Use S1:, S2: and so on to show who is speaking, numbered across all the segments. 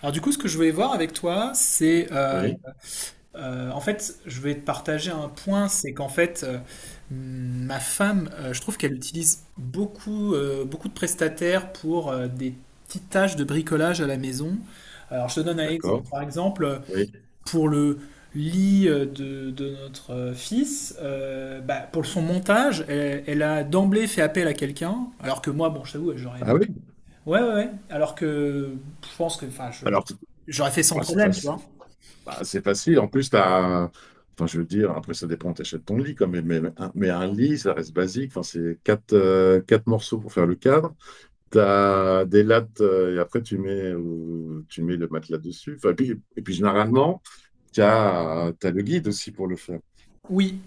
S1: Alors du coup, ce que je voulais voir avec toi, c'est
S2: Oui,
S1: en fait, je vais te partager un point, c'est qu'en fait, ma femme, je trouve qu'elle utilise beaucoup de prestataires pour des petites tâches de bricolage à la maison. Alors je te donne un exemple.
S2: d'accord.
S1: Par exemple,
S2: Oui.
S1: pour le lit de notre fils, pour son montage, elle a d'emblée fait appel à quelqu'un, alors que moi, bon, je t'avoue, j'aurais
S2: Ah
S1: aimé.
S2: oui.
S1: Ouais, ouais, ouais. Alors que je pense que, enfin,
S2: Alors,
S1: j'aurais fait sans
S2: bah, c'est
S1: problème, tu
S2: facile.
S1: vois.
S2: Bah, c'est facile. En plus, t'as... Enfin, je veux dire, après, ça dépend, t'achètes ton lit quand même. Mais un lit, ça reste basique. Enfin, c'est quatre morceaux pour faire le cadre. T'as des lattes et après, tu mets le matelas dessus. Enfin, et puis généralement, t'as le guide aussi pour le faire.
S1: Oui.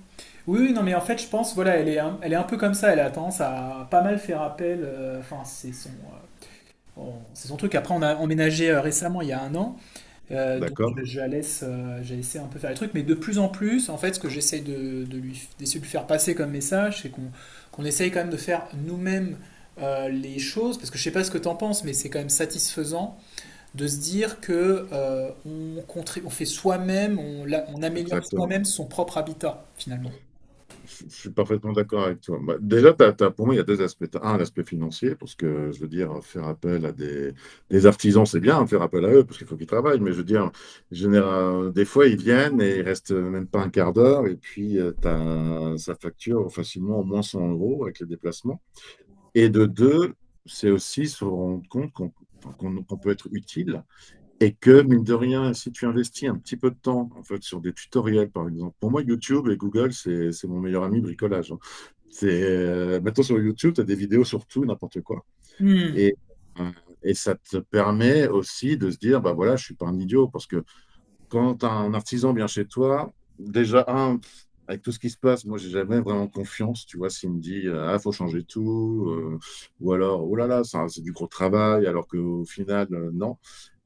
S1: Oui, oui, non, mais en fait, je pense, voilà, elle est un peu comme ça, elle a tendance à pas mal faire appel, enfin, c'est son truc. Après, on a emménagé récemment, il y a un an,
S2: D'accord?
S1: je la laisse, j'ai laissé un peu faire les trucs, mais de plus en plus, en fait, ce que j'essaye de lui, d'essayer de lui faire passer comme message, c'est qu'on essaye quand même de faire nous-mêmes les choses, parce que je sais pas ce que t'en penses, mais c'est quand même satisfaisant de se dire que on, on fait soi-même, on améliore soi-même
S2: Exactement.
S1: son propre habitat finalement.
S2: Je suis parfaitement d'accord avec toi. Bah, déjà, pour moi, il y a deux aspects. T'as un, l'aspect financier, parce que je veux dire, faire appel à des artisans, c'est bien, faire appel à eux, parce qu'il faut qu'ils travaillent. Mais je veux dire, général, des fois, ils viennent et ils restent même pas un quart d'heure, et puis ça facture facilement au moins 100 euros avec les déplacements. Et de deux, c'est aussi se rendre compte qu'on peut être utile et que, mine de rien, si tu investis un petit peu de temps, en fait, sur des tutoriels, par exemple. Pour moi, YouTube et Google, c'est mon meilleur ami bricolage, hein. C'est, maintenant, sur YouTube, tu as des vidéos sur tout, n'importe quoi.
S1: Hmm.
S2: Et, euh, et ça te permet aussi de se dire, bah voilà, je suis pas un idiot, parce que quand t'as un artisan vient chez toi, déjà, un, pff, avec tout ce qui se passe, moi, j'ai jamais vraiment confiance, tu vois, s'il me dit, ah, faut changer tout, ou alors, oh là là, ça, c'est du gros travail, alors qu'au final, non.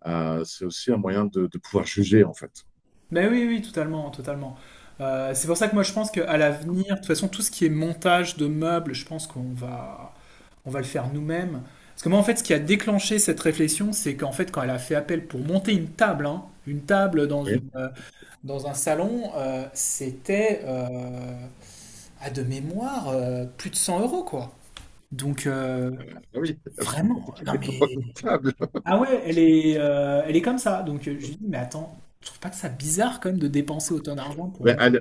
S2: C'est aussi un moyen de pouvoir juger, en fait.
S1: Ben oui, oui, totalement, totalement. C'est pour ça que moi je pense qu'à l'avenir, de toute façon, tout ce qui est montage de meubles, je pense on va le faire nous-mêmes. Parce que moi, en fait, ce qui a déclenché cette réflexion, c'est qu'en fait, quand elle a fait appel pour monter une table, hein, une table dans
S2: Oui,
S1: dans un salon, c'était à de mémoire plus de 100 euros, quoi. Donc, euh.
S2: ah oui,
S1: Vraiment? Non mais...
S2: épouvantable.
S1: Ah ouais, elle est comme ça. Donc je lui dis, mais attends, je trouve pas que ça bizarre quand même de dépenser autant d'argent pour
S2: Mais
S1: moi.
S2: à la,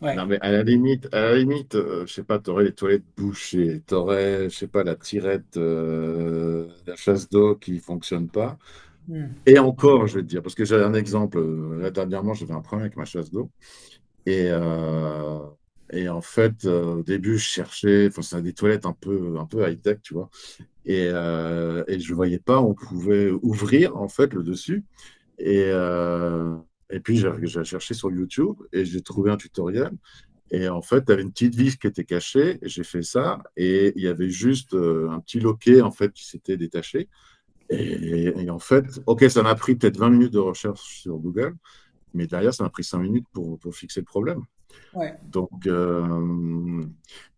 S1: Ouais.
S2: non, mais à la limite, je sais pas, t'aurais les toilettes bouchées, t'aurais, je sais pas, la tirette, la chasse d'eau qui fonctionne pas.
S1: Hmm.
S2: Et encore, je vais te dire, parce que j'avais un exemple. Là, dernièrement, j'avais un problème avec ma chasse d'eau. Et, euh, et en fait, au début, je cherchais, enfin, c'est des toilettes un peu high-tech, tu vois. Et je voyais pas, on pouvait ouvrir, en fait, le dessus. Et, euh, et puis, j'ai cherché sur YouTube et j'ai trouvé un tutoriel. Et en fait, tu avais une petite vis qui était cachée, et j'ai fait ça et il y avait juste un petit loquet en fait qui s'était détaché. Et en fait, OK, ça m'a pris peut-être 20 minutes de recherche sur Google, mais derrière, ça m'a pris 5 minutes pour fixer le problème.
S1: Ouais.
S2: Donc,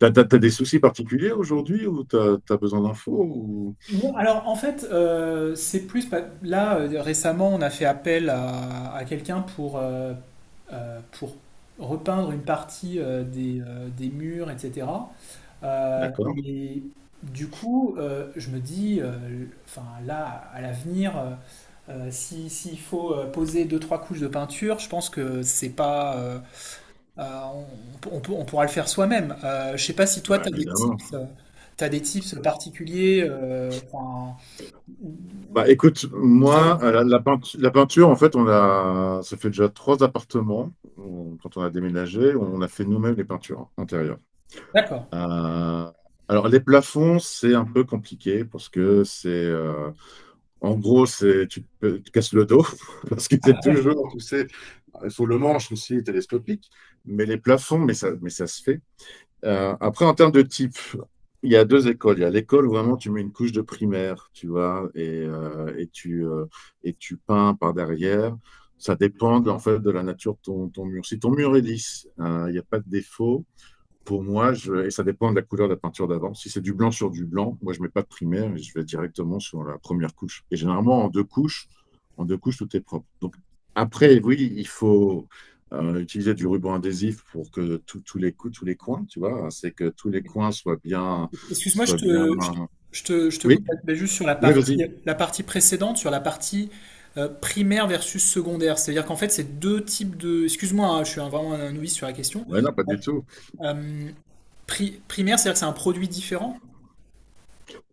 S2: tu as des soucis particuliers aujourd'hui ou tu as besoin d'infos ou...
S1: Non, alors en fait, c'est plus. Là, récemment, on a fait appel à quelqu'un pour repeindre une partie des murs, etc.
S2: D'accord.
S1: Et du coup, je me dis, enfin là, à l'avenir, si, s'il faut poser deux, trois couches de peinture, je pense que c'est pas, euh, on, on peut- on pourra le faire soi-même. Je sais pas si toi,
S2: Bah,
S1: tu as des
S2: évidemment.
S1: tips, t'as des tips particuliers. Euh, enfin,
S2: Bah, écoute,
S1: ça-
S2: moi, la peinture, en fait, on a, ça fait déjà trois appartements. Quand on a déménagé, on a fait nous-mêmes les peintures intérieures.
S1: D'accord.
S2: Euh, alors, les plafonds, c'est un peu compliqué parce que c'est, en gros, c'est, tu te casses le dos parce que c'est toujours, tu sais, il faut le manche aussi télescopique. Mais les plafonds, mais ça se fait. Après, en termes de type, il y a deux écoles. Il y a l'école où vraiment tu mets une couche de primaire, tu vois, et tu peins par derrière. Ça dépend en fait de la nature de ton, ton mur. Si ton mur est lisse, il n'y a pas de défaut, pour moi, et ça dépend de la couleur de la peinture d'avant. Si c'est du blanc sur du blanc, moi, je ne mets pas de primaire et je vais directement sur la première couche. Et généralement, en deux couches, tout est propre. Donc, après, oui, il faut utiliser du ruban adhésif pour que tous les coups, tous les coins, tu vois, c'est que tous les coins soient bien,
S1: Excuse-moi,
S2: soient bien.
S1: je te
S2: Oui,
S1: coupe, mais juste sur
S2: oui, vas-y.
S1: la partie précédente, sur la partie primaire versus secondaire. C'est-à-dire qu'en fait, c'est deux types de... Excuse-moi, hein, vraiment un novice sur la question.
S2: Ouais, non, pas du
S1: Bon,
S2: tout.
S1: euh, primaire, c'est-à-dire que c'est un produit différent?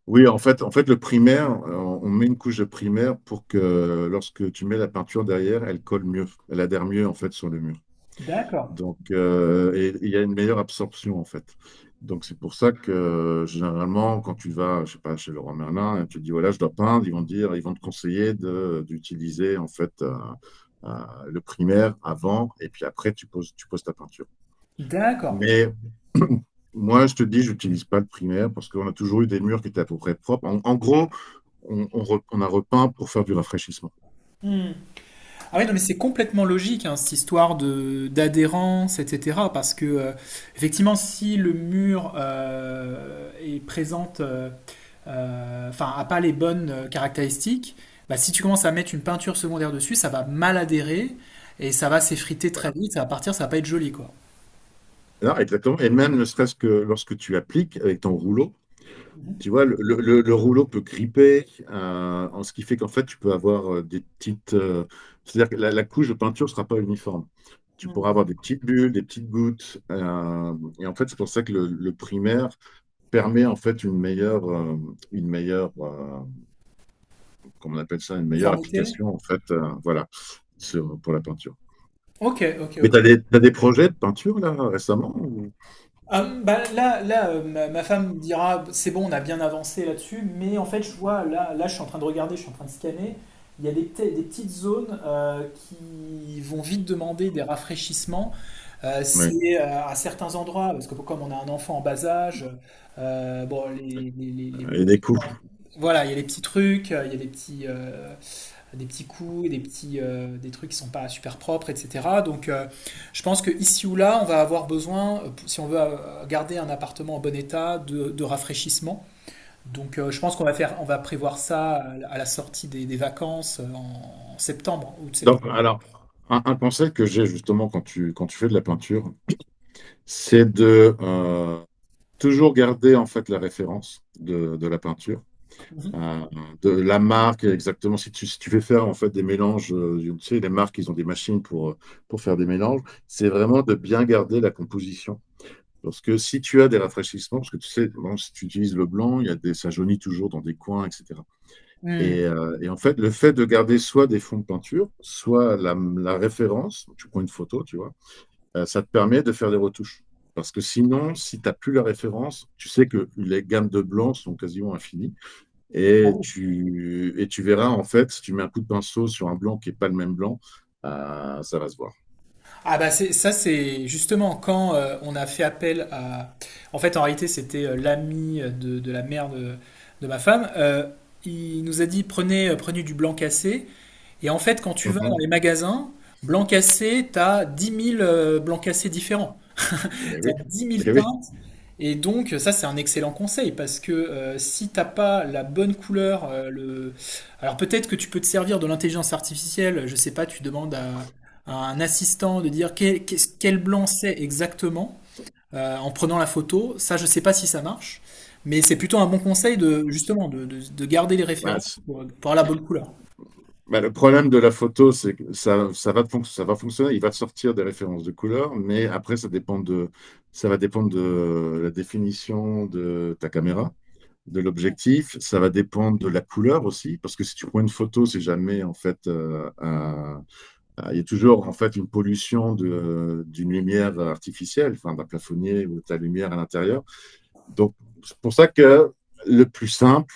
S2: Oui, en fait, le primaire, on met une couche de primaire pour que lorsque tu mets la peinture derrière, elle colle mieux, elle adhère mieux en fait sur le mur.
S1: D'accord,
S2: Donc, et il y a une meilleure absorption, en fait. Donc, c'est pour ça que, généralement, quand tu vas, je sais pas, chez Leroy Merlin, et tu dis, voilà, je dois peindre, ils vont te dire, ils vont te conseiller de, d'utiliser, en fait, le primaire avant, et puis après, tu poses ta peinture.
S1: d'accord.
S2: Mais moi, je te dis, j'utilise pas le primaire parce qu'on a toujours eu des murs qui étaient à peu près propres. En gros, on a repeint pour faire du rafraîchissement.
S1: Ah oui, non, mais c'est complètement logique, hein, cette histoire de d'adhérence, etc. Parce que, effectivement, si le mur est présente, enfin, a pas les bonnes caractéristiques, bah, si tu commences à mettre une peinture secondaire dessus, ça va mal adhérer et ça va s'effriter très
S2: Voilà.
S1: vite, ça va partir, ça va pas être joli, quoi.
S2: Non, exactement. Et même ne serait-ce que lorsque tu appliques avec ton rouleau, tu vois, le rouleau peut gripper, en ce qui fait qu'en fait, tu peux avoir des petites, c'est-à-dire que la couche de peinture ne sera pas uniforme. Tu pourras
S1: Hmm.
S2: avoir des petites bulles, des petites gouttes, et en fait, c'est pour ça que le primaire permet en fait une meilleure, euh, comment on appelle ça, une meilleure
S1: Uniformité.
S2: application en fait, voilà, pour la peinture.
S1: Ok, ok,
S2: Mais tu as
S1: ok.
S2: des, t'as des projets de peinture là récemment ou...
S1: Ah, bah, ma femme dira, c'est bon, on a bien avancé là-dessus, mais en fait, je vois, je suis en train de regarder, je suis en train de scanner, il y a des petites zones qui vont vite demander des rafraîchissements.
S2: Ouais.
S1: C'est à certains endroits, parce que comme on a un enfant en bas âge, bon, les
S2: Et
S1: murs
S2: des cours.
S1: sont- Voilà, il y a des petits trucs, il y a des petits coups, des trucs qui ne sont pas super propres, etc. Donc je pense que ici ou là, on va avoir besoin, si on veut garder un appartement en bon état, de rafraîchissement. Donc je pense on va prévoir ça à la sortie des vacances en septembre ou de septembre.
S2: Donc, alors, un conseil que j'ai justement quand tu fais de la peinture, c'est de toujours garder en fait la référence de la peinture,
S1: Mhm.
S2: euh, de la marque exactement. Si tu fais faire en fait des mélanges, tu sais, les marques, ils ont des machines pour faire des mélanges, c'est vraiment de bien garder la composition. Parce que si tu as des rafraîchissements, parce que tu sais, bon, si tu utilises le blanc, il y a des, ça jaunit toujours dans des coins, etc. Et,
S1: Hmm.
S2: heu et en fait, le fait de garder soit des fonds de peinture, soit la référence, tu prends une photo, tu vois? Ça te permet de faire des retouches. Parce que sinon, si tu as plus la référence, tu sais que les gammes de blancs sont quasiment infinies et tu verras, en fait, si tu mets un coup de pinceau sur un blanc qui est pas le même blanc, ça va se voir.
S1: Ah bah c'est ça, c'est justement quand on a fait appel à en fait en réalité c'était de la mère de ma femme. Il nous a dit prenez du blanc cassé. Et en fait, quand tu
S2: Mmh
S1: vas dans les
S2: mh.
S1: magasins, blanc cassé, t'as 10 000 blancs cassés différents. T'as
S2: Oui,
S1: 10 000
S2: beh oui.
S1: teintes. Et donc, ça, c'est un excellent conseil parce que si t'as pas la bonne couleur, le... alors peut-être que tu peux te servir de l'intelligence artificielle. Je sais pas, à un assistant de dire quel blanc c'est exactement en prenant la photo. Ça, je sais pas si ça marche, mais c'est plutôt un bon conseil de justement de garder les
S2: Bah,
S1: références pour avoir la bonne couleur.
S2: Bah, le problème de la photo, c'est que ça va fonctionner, il va te sortir des références de couleurs, mais après, ça va dépendre de la définition de ta caméra, de l'objectif, ça va dépendre de la couleur aussi, parce que si tu prends une photo, c'est jamais, en fait, ah, il y a toujours, en fait, une pollution d'une lumière artificielle, enfin, d'un plafonnier ou de ta lumière à l'intérieur. Donc, c'est pour ça que le plus simple,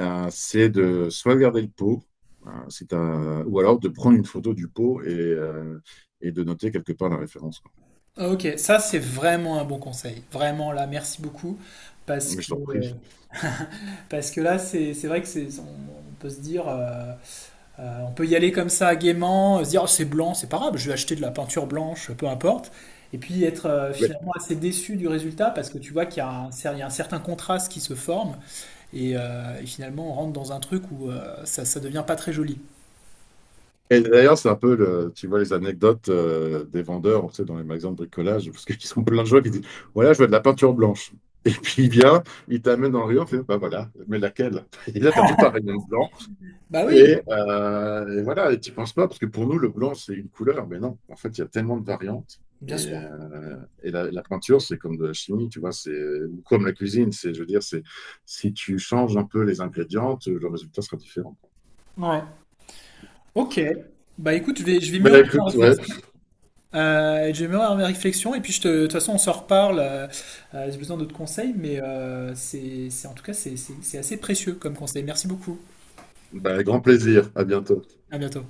S2: c'est de soit garder le pot, ou alors de prendre une photo du pot et de noter quelque part la référence, quoi.
S1: Ah, ok, ça c'est vraiment un bon conseil. Vraiment là, merci beaucoup. Parce
S2: Mais je
S1: que,
S2: t'en
S1: euh,
S2: prie.
S1: parce que là, c'est vrai que c'est, on peut se dire, on peut y aller comme ça gaiement, se dire oh, c'est blanc, c'est pas grave, je vais acheter de la peinture blanche, peu importe. Et puis être
S2: Mais-
S1: finalement assez déçu du résultat parce que tu vois qu'il y a il y a un certain contraste qui se forme et finalement on rentre dans un truc où ça devient pas très joli.
S2: et d'ailleurs, c'est un peu, le, tu vois, les anecdotes des vendeurs, tu sais, dans les magasins de bricolage, parce qu'ils sont plein de gens qui disent, voilà, je veux de la peinture blanche. Et puis il vient, il t'amène dans le rayon, il fait, bah voilà, mais laquelle? Et là, tu as tout un rayon blanc.
S1: Bah oui,
S2: Et voilà, et tu penses pas, parce que pour nous, le blanc, c'est une couleur, mais non, en fait, il y a tellement de variantes.
S1: bien
S2: Et,
S1: sûr.
S2: euh, et la peinture, c'est comme de la chimie, tu vois, c'est ou comme la cuisine, c'est, je veux dire, c'est si tu changes un peu les ingrédients, le résultat sera différent.
S1: Ouais. Ok. Bah écoute, je vais
S2: Ben
S1: mûrir ma
S2: écoute, ouais,
S1: réflexion. Je vais me faire mes réflexions et puis de toute façon on se reparle. J'ai besoin d'autres conseils, mais en tout cas c'est assez précieux comme conseil. Merci beaucoup.
S2: ben, grand plaisir, à bientôt.
S1: À bientôt.